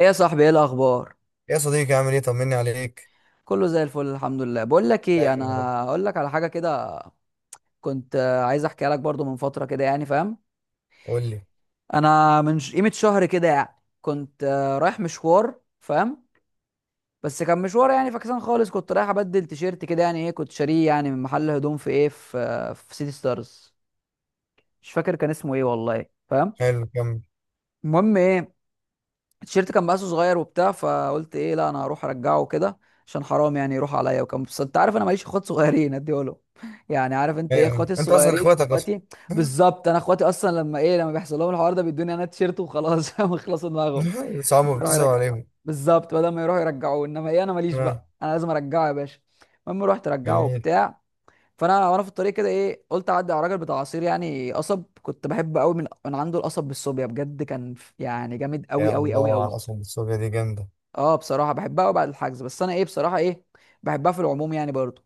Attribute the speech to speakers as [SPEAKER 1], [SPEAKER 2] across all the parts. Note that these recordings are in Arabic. [SPEAKER 1] ايه يا صاحبي؟ ايه الاخبار؟
[SPEAKER 2] يا صديقي عامل ايه؟ طمني عليك.
[SPEAKER 1] كله زي الفل الحمد لله. بقول لك ايه،
[SPEAKER 2] دايما يا رب.
[SPEAKER 1] انا اقول لك على حاجه كده. كنت عايز احكيها لك برضو من فتره كده يعني، فاهم؟
[SPEAKER 2] قول لي.
[SPEAKER 1] انا من قيمه شهر كده يعني. كنت رايح مشوار، فاهم؟ بس كان مشوار يعني فكسان خالص. كنت رايح ابدل تيشيرت كده يعني ايه، كنت شاريه يعني من محل هدوم في ايه في آه، في سيتي ستارز. مش فاكر كان اسمه ايه والله، فاهم؟
[SPEAKER 2] حلو، كمل.
[SPEAKER 1] المهم ايه، التيشيرت كان مقاسه صغير وبتاع، فقلت ايه، لا انا هروح ارجعه كده. عشان حرام يعني يروح عليا، وكان بس انت عارف انا ماليش اخوات صغيرين اديه له يعني عارف انت ايه اخواتي
[SPEAKER 2] ايوه انت اصلا
[SPEAKER 1] الصغيرين،
[SPEAKER 2] اخواتك اصلا.
[SPEAKER 1] اخواتي. بالظبط، انا اخواتي اصلا. لما بيحصل لهم الحوار ده بيدوني انا التيشيرت وخلاص فاهم؟ يخلصوا دماغهم.
[SPEAKER 2] صعب،
[SPEAKER 1] يروحوا
[SPEAKER 2] بتسأل
[SPEAKER 1] يرجع.
[SPEAKER 2] عليهم؟
[SPEAKER 1] بالظبط، بدل ما يروحوا يرجعوه انما ايه، انا ماليش
[SPEAKER 2] آه.
[SPEAKER 1] بقى، انا لازم ارجعه يا باشا. المهم رحت ارجعه
[SPEAKER 2] جميل.
[SPEAKER 1] وبتاع. فانا وانا في الطريق كده ايه، قلت اعدي على راجل بتاع عصير يعني قصب. كنت بحب قوي من عنده القصب بالصوبيا، بجد كان يعني جامد قوي
[SPEAKER 2] يا
[SPEAKER 1] قوي قوي
[SPEAKER 2] الله
[SPEAKER 1] قوي.
[SPEAKER 2] على الاصل، السورية دي جامدة.
[SPEAKER 1] اه بصراحه بحبها قوي بعد الحجز، بس انا ايه بصراحه ايه. بحبها في العموم يعني برضه.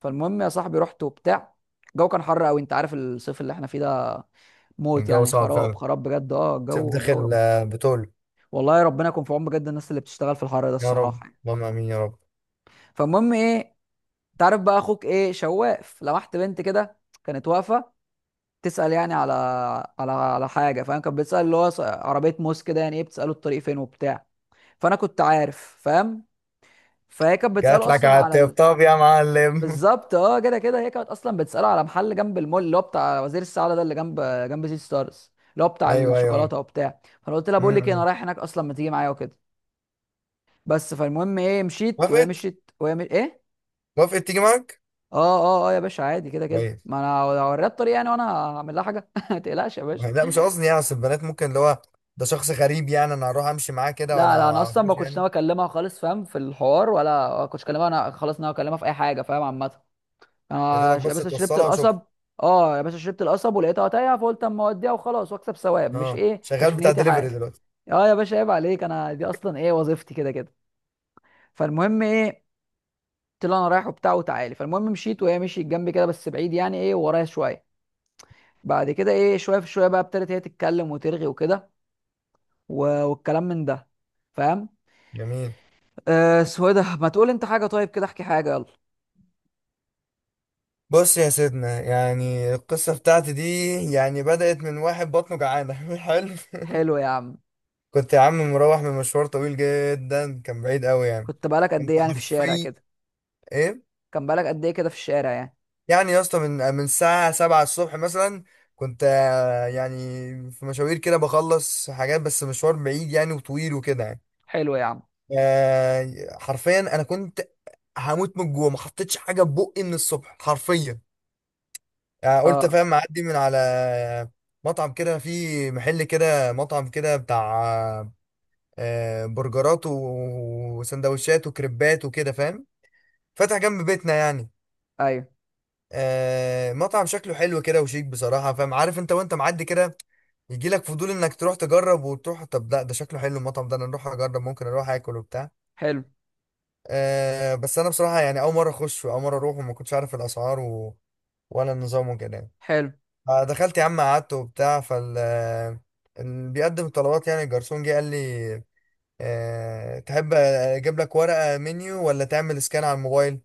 [SPEAKER 1] فالمهم يا صاحبي رحت وبتاع. الجو كان حر قوي، انت عارف الصيف اللي احنا فيه ده. موت
[SPEAKER 2] الجو
[SPEAKER 1] يعني
[SPEAKER 2] صعب
[SPEAKER 1] خراب
[SPEAKER 2] فعلا.
[SPEAKER 1] خراب بجد، اه
[SPEAKER 2] شوف
[SPEAKER 1] الجو الجو
[SPEAKER 2] داخل،
[SPEAKER 1] رب.
[SPEAKER 2] بتقول.
[SPEAKER 1] والله ربنا يكون في عون بجد، الناس اللي بتشتغل في الحر ده،
[SPEAKER 2] يا رب.
[SPEAKER 1] الصراحه يعني.
[SPEAKER 2] اللهم امين يا رب.
[SPEAKER 1] فالمهم ايه، انت عارف بقى اخوك ايه، شواف. لمحت بنت كده، كانت واقفه، تسال يعني على حاجه، فاهم؟ كانت بتسال اللي هو عربيه موس كده يعني ايه، بتساله الطريق فين وبتاع. فانا كنت عارف، فاهم؟ فهي كانت
[SPEAKER 2] جات
[SPEAKER 1] بتساله
[SPEAKER 2] لك
[SPEAKER 1] اصلا
[SPEAKER 2] على
[SPEAKER 1] على ال.
[SPEAKER 2] الطبطاب يا معلم.
[SPEAKER 1] بالظبط، اه كده كده هي كانت اصلا بتساله على محل جنب المول، اللي هو بتاع وزير السعاده ده، اللي جنب سيتي ستارز، اللي هو بتاع
[SPEAKER 2] ايوه ايوه ايوه.
[SPEAKER 1] الشوكولاته وبتاع. فانا قلت لها
[SPEAKER 2] م-
[SPEAKER 1] بقول لك إيه، انا
[SPEAKER 2] م.
[SPEAKER 1] رايح هناك اصلا، ما تيجي معايا وكده. بس فالمهم ايه، مشيت وهي
[SPEAKER 2] وافقت.
[SPEAKER 1] مشيت وهي مش... ايه.
[SPEAKER 2] وافقت تيجي معاك.
[SPEAKER 1] اه اه اه يا باشا عادي، كده كده
[SPEAKER 2] كويس.
[SPEAKER 1] ما انا هوريها الطريق يعني، وانا هعمل لها حاجه ما تقلقش يا باشا.
[SPEAKER 2] لا، مش قصدي يعني، اصل البنات ممكن اللي هو، ده شخص غريب يعني، انا هروح امشي معاه كده
[SPEAKER 1] لا
[SPEAKER 2] وانا
[SPEAKER 1] لا،
[SPEAKER 2] ما
[SPEAKER 1] انا اصلا ما
[SPEAKER 2] اعرفوش
[SPEAKER 1] كنتش
[SPEAKER 2] يعني.
[SPEAKER 1] ناوي اكلمها خالص، فاهم؟ في الحوار ولا كنتش اكلمها. انا خلاص ناوي اكلمها في اي حاجه، فاهم؟ عامه.
[SPEAKER 2] يا
[SPEAKER 1] آه
[SPEAKER 2] دوبك
[SPEAKER 1] يا
[SPEAKER 2] بس
[SPEAKER 1] باشا، شربت
[SPEAKER 2] توصلها وشكرا.
[SPEAKER 1] القصب. اه يا باشا، شربت القصب ولقيتها تايهه فقلت اما اوديها وخلاص واكسب ثواب، مش
[SPEAKER 2] اه،
[SPEAKER 1] ايه
[SPEAKER 2] شغال
[SPEAKER 1] كشف
[SPEAKER 2] بتاع
[SPEAKER 1] نيتي
[SPEAKER 2] دليفري
[SPEAKER 1] حاجه.
[SPEAKER 2] دلوقتي؟
[SPEAKER 1] اه يا باشا عيب عليك، انا دي اصلا ايه، وظيفتي كده كده. فالمهم ايه، قلت له انا رايح وبتاع وتعالي. فالمهم مشيت وهي مشيت جنبي كده، بس بعيد يعني ايه ورايا شويه. بعد كده ايه شويه في شويه بقى، ابتدت هي تتكلم وترغي وكده. والكلام من ده، فاهم؟
[SPEAKER 2] جميل.
[SPEAKER 1] اسمه إيه ده؟ ما تقول انت حاجه طيب كده، احكي حاجه يلا.
[SPEAKER 2] بص يا سيدنا، يعني القصة بتاعتي دي يعني بدأت من واحد بطنه جعانة. حلو.
[SPEAKER 1] حلو يا عم.
[SPEAKER 2] كنت يا عم مروح من مشوار طويل جدا، كان بعيد قوي يعني.
[SPEAKER 1] كنت بقالك قد ايه
[SPEAKER 2] انت
[SPEAKER 1] يعني في الشارع
[SPEAKER 2] حرفيا
[SPEAKER 1] كده؟
[SPEAKER 2] ايه
[SPEAKER 1] كان بقالك قد ايه كده في الشارع يعني؟
[SPEAKER 2] يعني يا اسطى؟ من الساعة 7 الصبح مثلا كنت، يعني في مشاوير كده بخلص حاجات، بس مشوار بعيد يعني وطويل وكده يعني.
[SPEAKER 1] حلو يا عم.
[SPEAKER 2] حرفيا انا كنت هموت من الجوع، ما حطيتش حاجة في بقي من الصبح حرفيا. يعني قلت
[SPEAKER 1] اه
[SPEAKER 2] فاهم، معدي من على مطعم كده، فيه محل كده، مطعم كده بتاع برجرات و- وسندوتشات وكريبات وكده فاهم، فاتح جنب بيتنا يعني.
[SPEAKER 1] ايوه
[SPEAKER 2] مطعم شكله حلو كده وشيك بصراحة فاهم. عارف انت وانت معدي كده يجي لك فضول انك تروح تجرب، وتروح طب لا ده شكله حلو المطعم ده، انا اروح اجرب، ممكن اروح اكل وبتاع.
[SPEAKER 1] حلو
[SPEAKER 2] بس انا بصراحة يعني اول مرة اخش واول مرة اروح، وما كنتش عارف الاسعار و، ولا النظام وكده يعني.
[SPEAKER 1] حلو.
[SPEAKER 2] دخلت يا عم، قعدت وبتاع، فال اللي بيقدم الطلبات يعني الجرسون جه قال لي، تحب اجيب لك ورقه منيو ولا تعمل سكان على الموبايل؟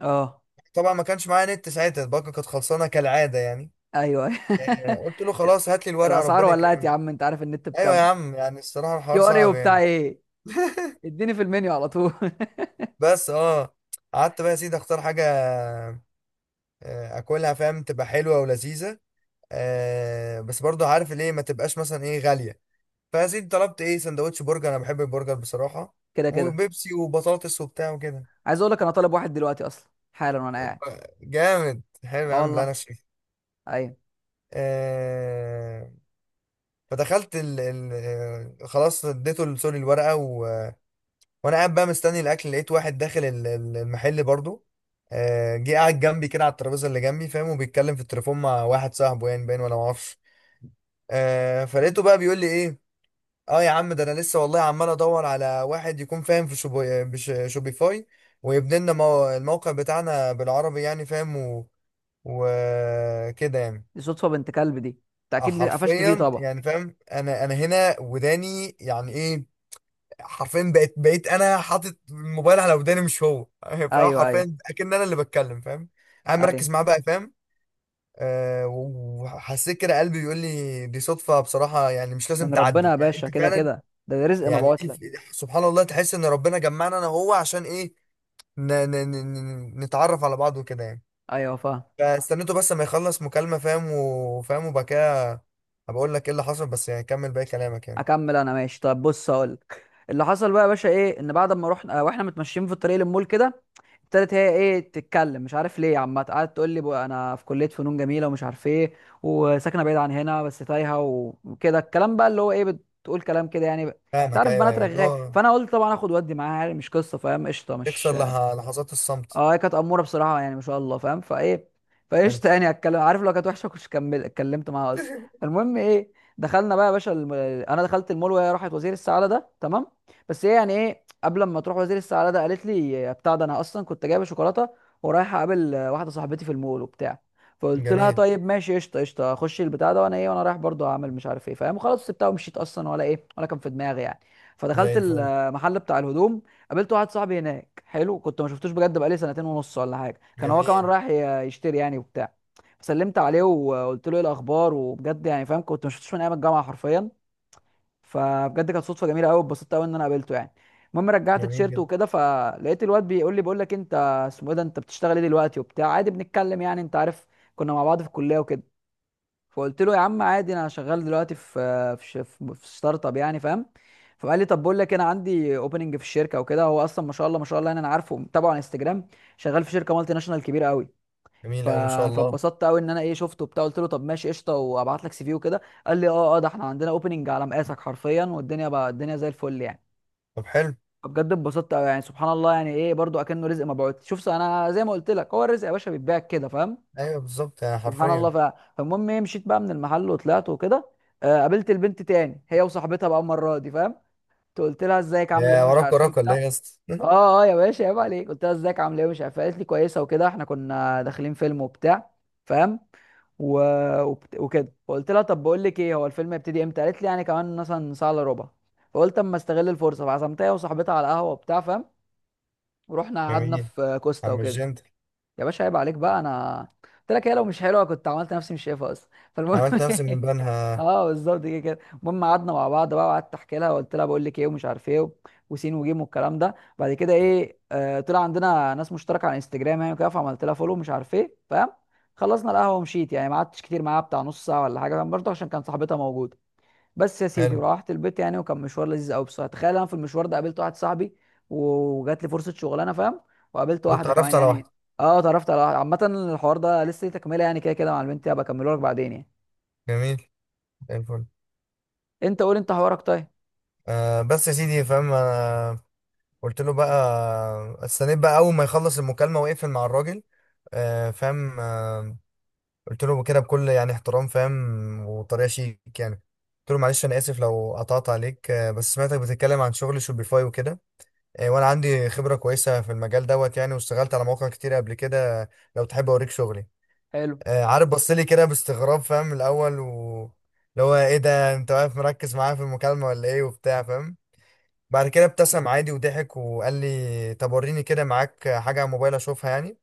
[SPEAKER 1] اه
[SPEAKER 2] طبعا ما كانش معايا نت ساعتها، الباقه كانت خلصانه كالعاده يعني.
[SPEAKER 1] ايوه
[SPEAKER 2] قلت له
[SPEAKER 1] أيوة.
[SPEAKER 2] خلاص هات لي الورقه
[SPEAKER 1] الاسعار
[SPEAKER 2] ربنا
[SPEAKER 1] ولعت يا
[SPEAKER 2] يكرمك.
[SPEAKER 1] عم، انت عارف النت
[SPEAKER 2] ايوه يا
[SPEAKER 1] بكام؟
[SPEAKER 2] عم، يعني الصراحه الحوار
[SPEAKER 1] QR اي
[SPEAKER 2] صعب
[SPEAKER 1] وبتاع
[SPEAKER 2] يعني.
[SPEAKER 1] ايه، اديني في المنيو على طول
[SPEAKER 2] بس اه قعدت بقى يا سيدي اختار حاجه، اكلها فاهم تبقى حلوه ولذيذه، بس برضو عارف ليه ما تبقاش مثلا ايه غاليه. فيا سيدي طلبت ايه؟ سندوتش برجر، انا بحب البرجر بصراحه،
[SPEAKER 1] كده كده.
[SPEAKER 2] وبيبسي وبطاطس وبتاع وكده.
[SPEAKER 1] عايز اقول لك انا طالب واحد دلوقتي اصلا حالا وانا قاعد.
[SPEAKER 2] جامد، حلو
[SPEAKER 1] اه
[SPEAKER 2] يا عم. لا انا
[SPEAKER 1] والله.
[SPEAKER 2] شايف.
[SPEAKER 1] ايوه.
[SPEAKER 2] آه... فدخلت خلاص اديته سوري الورقه و، وانا قاعد بقى مستني الاكل، لقيت واحد داخل المحل برضو، جه قاعد جنبي كده على الترابيزه اللي جنبي فاهم، وبيتكلم في التليفون مع واحد صاحبه يعني، باين ولا معرفش. فلقيته بقى بيقول لي ايه، اه يا عم ده انا لسه والله عمال ادور على واحد يكون فاهم في شوبيفاي، ويبني لنا الموقع بتاعنا بالعربي يعني فاهم، و، وكده يعني.
[SPEAKER 1] دي صدفه بنت كلب دي. انت
[SPEAKER 2] اه
[SPEAKER 1] اكيد قفشت فيه
[SPEAKER 2] حرفيا
[SPEAKER 1] طبعا.
[SPEAKER 2] يعني فاهم، انا هنا وداني يعني ايه. حرفيا بقيت انا حاطط الموبايل على وداني مش هو. فاهم،
[SPEAKER 1] ايوه ايوه
[SPEAKER 2] حرفيا اكن انا اللي بتكلم فاهم. انا
[SPEAKER 1] ايوه.
[SPEAKER 2] مركز معاه بقى فاهم. آه، وحسيت كده قلبي بيقول لي دي صدفة بصراحة، يعني مش لازم
[SPEAKER 1] من ربنا
[SPEAKER 2] تعدي
[SPEAKER 1] يا
[SPEAKER 2] يعني
[SPEAKER 1] باشا،
[SPEAKER 2] انت
[SPEAKER 1] كده
[SPEAKER 2] فعلا.
[SPEAKER 1] كده ده رزق
[SPEAKER 2] يعني
[SPEAKER 1] مبعوت
[SPEAKER 2] دي
[SPEAKER 1] لك.
[SPEAKER 2] سبحان الله، تحس ان ربنا جمعنا انا وهو عشان ايه؟ نتعرف على بعض وكده يعني.
[SPEAKER 1] ايوه فاهم.
[SPEAKER 2] فاستنيته بس ما يخلص مكالمة فاهم، وفاهم وبكاه. هبقول لك ايه اللي حصل، بس يعني كمل باقي كلامك يعني.
[SPEAKER 1] اكمل، انا ماشي. طب بص اقول لك. اللي حصل بقى يا باشا ايه، ان بعد ما رحنا واحنا متمشيين في الطريق للمول كده. ابتدت هي ايه تتكلم، مش عارف ليه، عم قعدت تقول لي بقى انا في كليه فنون جميله ومش عارف ايه. وساكنه بعيد عن هنا بس تايهه. وكده الكلام بقى اللي هو ايه، بتقول كلام كده يعني انت
[SPEAKER 2] فاهمك،
[SPEAKER 1] عارف
[SPEAKER 2] ايوه
[SPEAKER 1] بنات
[SPEAKER 2] ايوه، اللي
[SPEAKER 1] رغاية،
[SPEAKER 2] هو
[SPEAKER 1] فانا قلت طبعا اخد ودي معاها يعني، مش قصه فاهم، قشطه
[SPEAKER 2] تكسر
[SPEAKER 1] مش.
[SPEAKER 2] لحظات الصمت.
[SPEAKER 1] اه هي كانت اموره بصراحه يعني، ما شاء الله، فاهم؟ فايه.
[SPEAKER 2] حلو.
[SPEAKER 1] فايش يعني، اتكلم عارف لو كانت وحشه كنتش كمل اتكلمت معاها اصلا. المهم ايه، دخلنا بقى يا باشا الم. انا دخلت المول وهي راحت وزير السعاده ده تمام. بس هي يعني ايه، قبل ما تروح وزير السعاده ده قالت لي بتاع، ده انا اصلا كنت جايبه شوكولاته ورايح اقابل واحده صاحبتي في المول وبتاع. فقلت لها
[SPEAKER 2] جميل.
[SPEAKER 1] طيب، ماشي قشطه قشطه اخش البتاع ده، وانا رايح برضو اعمل مش عارف ايه، فاهم؟ وخلاص سبتها ومشيت اصلا، ولا ايه ولا كان في دماغي يعني. فدخلت
[SPEAKER 2] زي الفل.
[SPEAKER 1] المحل بتاع الهدوم. قابلت واحد صاحبي هناك حلو، كنت ما شفتوش بجد بقالي سنتين ونص ولا حاجه. كان هو كمان
[SPEAKER 2] جميل.
[SPEAKER 1] رايح يشتري يعني وبتاع. فسلمت عليه وقلت له ايه الاخبار، وبجد يعني، فاهم؟ كنت ما شفتوش من ايام الجامعه حرفيا. فبجد كانت صدفه جميله قوي، اتبسطت قوي ان انا قابلته يعني. المهم رجعت
[SPEAKER 2] جميل
[SPEAKER 1] تيشيرت
[SPEAKER 2] جدا.
[SPEAKER 1] وكده، فلقيت الواد بيقول لي بقول لك انت اسمه ايه ده، انت بتشتغل ايه دلوقتي وبتاع، عادي بنتكلم يعني انت عارف. كنا مع بعض في الكليه وكده. فقلت له يا عم عادي، انا شغال دلوقتي في ستارت اب يعني، فاهم؟ فقال لي طب بقول لك انا عندي اوبننج في الشركه وكده. هو اصلا ما شاء الله ما شاء الله يعني، انا عارفه متابعه على انستجرام. شغال في شركه مالتي ناشونال كبيره قوي. ف.
[SPEAKER 2] جميل قوي ما شاء الله.
[SPEAKER 1] فاتبسطت قوي ان انا ايه شفته وبتاع، قلت له طب ماشي قشطه وابعت لك CV وكده. قال لي اه اه، ده احنا عندنا اوبننج على مقاسك حرفيا، والدنيا بقى الدنيا زي الفل يعني.
[SPEAKER 2] طب حلو.
[SPEAKER 1] بجد اتبسطت قوي يعني، سبحان الله يعني ايه، برضو اكنه رزق مبعوث. شوف انا زي ما قلت لك، هو الرزق يا باشا بيتباع كده، فاهم؟
[SPEAKER 2] ايوه بالظبط يعني
[SPEAKER 1] سبحان الله.
[SPEAKER 2] حرفيا.
[SPEAKER 1] فالمهم ايه، مشيت بقى من المحل وطلعت وكده. قابلت البنت تاني هي وصاحبتها بقى المره دي، فاهم؟ قلت لها ازيك عامله ايه
[SPEAKER 2] يا
[SPEAKER 1] ومش
[SPEAKER 2] وراك
[SPEAKER 1] عارف ايه
[SPEAKER 2] وراك ولا ايه
[SPEAKER 1] وبتاع.
[SPEAKER 2] يا اسطى؟
[SPEAKER 1] اه اه يا باشا عيب عليك، قلت لها ازيك عامله ايه ومش عارف إيه. قالت لي كويسه وكده، احنا كنا داخلين فيلم وبتاع، فاهم؟ و. وكده فقلت لها طب بقول لك ايه، هو الفيلم هيبتدي امتى؟ قالت لي يعني كمان مثلا ساعه الا ربع. فقلت اما استغل الفرصه، فعزمتها هي وصاحبتها على قهوه وبتاع، فاهم؟ ورحنا قعدنا
[SPEAKER 2] جميل.
[SPEAKER 1] في كوستا
[SPEAKER 2] عم
[SPEAKER 1] وكده.
[SPEAKER 2] الجنت.
[SPEAKER 1] يا باشا عيب عليك بقى، انا قلت لك هي لو مش حلوه كنت عملت نفسي مش شايفها اصلا، فالمهم
[SPEAKER 2] عملت نفسي من بنها.
[SPEAKER 1] اه بالظبط، كده كده المهم قعدنا مع بعض بقى، وقعدت احكي لها وقلت لها بقول لك ايه ومش عارف ايه وسين وجيم والكلام ده، بعد كده ايه طلع عندنا ناس مشتركه على انستجرام يعني وكده، فعملت لها فولو مش عارف ايه، فاهم؟ خلصنا القهوه ومشيت يعني، ما قعدتش كتير معاها بتاع، نص ساعه ولا حاجه، فاهم؟ برضه عشان كان صاحبتها موجوده. بس يا سيدي،
[SPEAKER 2] حلو.
[SPEAKER 1] وروحت البيت يعني، وكان مشوار لذيذ قوي بصراحه. تخيل انا في المشوار ده قابلت واحد صاحبي، وجات لي فرصه شغلانه، فاهم؟ وقابلت واحده كمان
[SPEAKER 2] واتعرفت على
[SPEAKER 1] يعني.
[SPEAKER 2] واحدة.
[SPEAKER 1] اه اتعرفت على واحده عامه. الحوار ده لسه ليه تكمله يعني، كده كده مع البنت هبقى اكمله لك بعدين يعني.
[SPEAKER 2] جميل. زي الفل.
[SPEAKER 1] انت قول انت حوارك، طيب.
[SPEAKER 2] آه بس يا سيدي فاهم انا قلت له بقى، استنيت بقى اول ما يخلص المكالمه ويقفل مع الراجل، فاهم، قلت له كده بكل يعني احترام فاهم، وطريقه شيك يعني. قلت له معلش انا اسف لو قطعت عليك، بس سمعتك بتتكلم عن شغل شوبيفاي وكده، وانا عندي خبره كويسه في المجال دوت يعني، واشتغلت على مواقع كتير قبل كده، لو تحب اوريك شغلي.
[SPEAKER 1] حلو.
[SPEAKER 2] عارف بص لي كده باستغراب فاهم الاول، و اللي هو ايه ده، انت واقف مركز معايا في المكالمه ولا ايه وبتاع فاهم. بعد كده ابتسم عادي وضحك وقال لي طب وريني كده معاك حاجة على موبايل اشوفها يعني.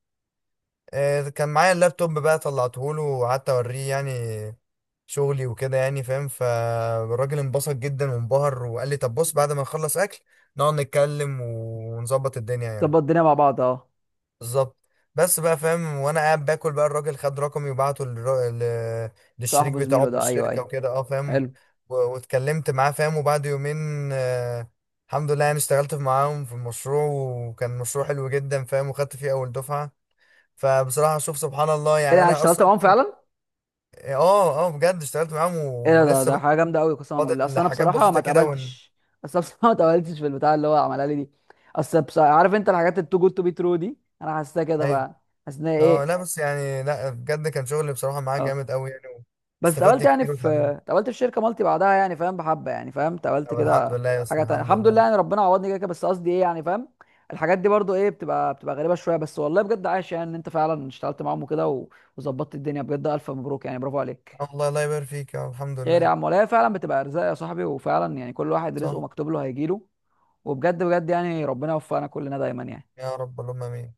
[SPEAKER 2] كان معايا اللابتوب بقى، طلعته له وقعدت اوريه يعني شغلي وكده يعني فاهم. فالراجل انبسط جدا وانبهر وقال لي طب بص، بعد ما نخلص اكل نقعد نتكلم ونظبط الدنيا يعني.
[SPEAKER 1] ظبط الدنيا مع بعض اه.
[SPEAKER 2] بالظبط. بس بقى فاهم، وانا قاعد باكل بقى الراجل خد رقمي وبعته للشريك
[SPEAKER 1] صاحبه
[SPEAKER 2] بتاعه
[SPEAKER 1] زميله
[SPEAKER 2] في
[SPEAKER 1] ده، ايوه
[SPEAKER 2] الشركه
[SPEAKER 1] ايوه.
[SPEAKER 2] وكده، اه فاهم،
[SPEAKER 1] حلو.
[SPEAKER 2] و- واتكلمت معاه فاهم، وبعد يومين آه الحمد لله يعني اشتغلت معاهم في المشروع، وكان مشروع حلو جدا فاهم، وخدت فيه اول دفعه. فبصراحه شوف سبحان الله
[SPEAKER 1] ايه ده؟
[SPEAKER 2] يعني
[SPEAKER 1] أنا
[SPEAKER 2] انا
[SPEAKER 1] اشتغلت
[SPEAKER 2] اصلا
[SPEAKER 1] معاهم فعلا؟
[SPEAKER 2] اه اه بجد اشتغلت معاهم،
[SPEAKER 1] ايه
[SPEAKER 2] و-
[SPEAKER 1] ده ده
[SPEAKER 2] ولسه
[SPEAKER 1] ده
[SPEAKER 2] بقى
[SPEAKER 1] حاجه جامده قوي، قسما بالله
[SPEAKER 2] فاضل
[SPEAKER 1] اصل انا
[SPEAKER 2] حاجات
[SPEAKER 1] بصراحه ما
[SPEAKER 2] بسيطه كده ون...
[SPEAKER 1] اتقبلتش. اصل أنا بصراحه ما اتقبلتش في البتاع اللي هو عملها لي دي. اصل بصراحة عارف انت، الحاجات التو جود تو بي ترو دي انا حاسسها كده
[SPEAKER 2] ايوه.
[SPEAKER 1] فعلا. حاسس ان هي
[SPEAKER 2] اه
[SPEAKER 1] ايه.
[SPEAKER 2] لا بس يعني، لا بجد كان شغل بصراحه معاه
[SPEAKER 1] اه
[SPEAKER 2] جامد قوي يعني،
[SPEAKER 1] بس
[SPEAKER 2] استفدت
[SPEAKER 1] اتقابلت يعني
[SPEAKER 2] كتير
[SPEAKER 1] في.
[SPEAKER 2] وتعلمت.
[SPEAKER 1] اتقابلت في شركه مالتي بعدها يعني، فاهم؟ بحبه يعني، فاهم؟ اتقابلت
[SPEAKER 2] طب الحمد
[SPEAKER 1] كده.
[SPEAKER 2] لله يا اسطى،
[SPEAKER 1] حاجه تانية
[SPEAKER 2] الحمد
[SPEAKER 1] الحمد
[SPEAKER 2] لله
[SPEAKER 1] لله
[SPEAKER 2] رب.
[SPEAKER 1] يعني، ربنا عوضني كده كده، بس قصدي ايه يعني، فاهم؟ الحاجات دي برضو ايه، بتبقى غريبه شويه، بس والله بجد عايش يعني ان انت فعلا اشتغلت معاهم وكده وظبطت الدنيا، بجد الف مبروك يعني، برافو عليك.
[SPEAKER 2] آه والله، الله يبارك فيك يا رب، الحمد
[SPEAKER 1] خير يا
[SPEAKER 2] لله.
[SPEAKER 1] عم، ولا هي فعلا بتبقى ارزاق يا صاحبي، وفعلا يعني كل واحد رزقه
[SPEAKER 2] صح.
[SPEAKER 1] مكتوب له هيجيله. وبجد بجد يعني، ربنا يوفقنا كلنا دايما يعني.
[SPEAKER 2] يا رب اللهم امين.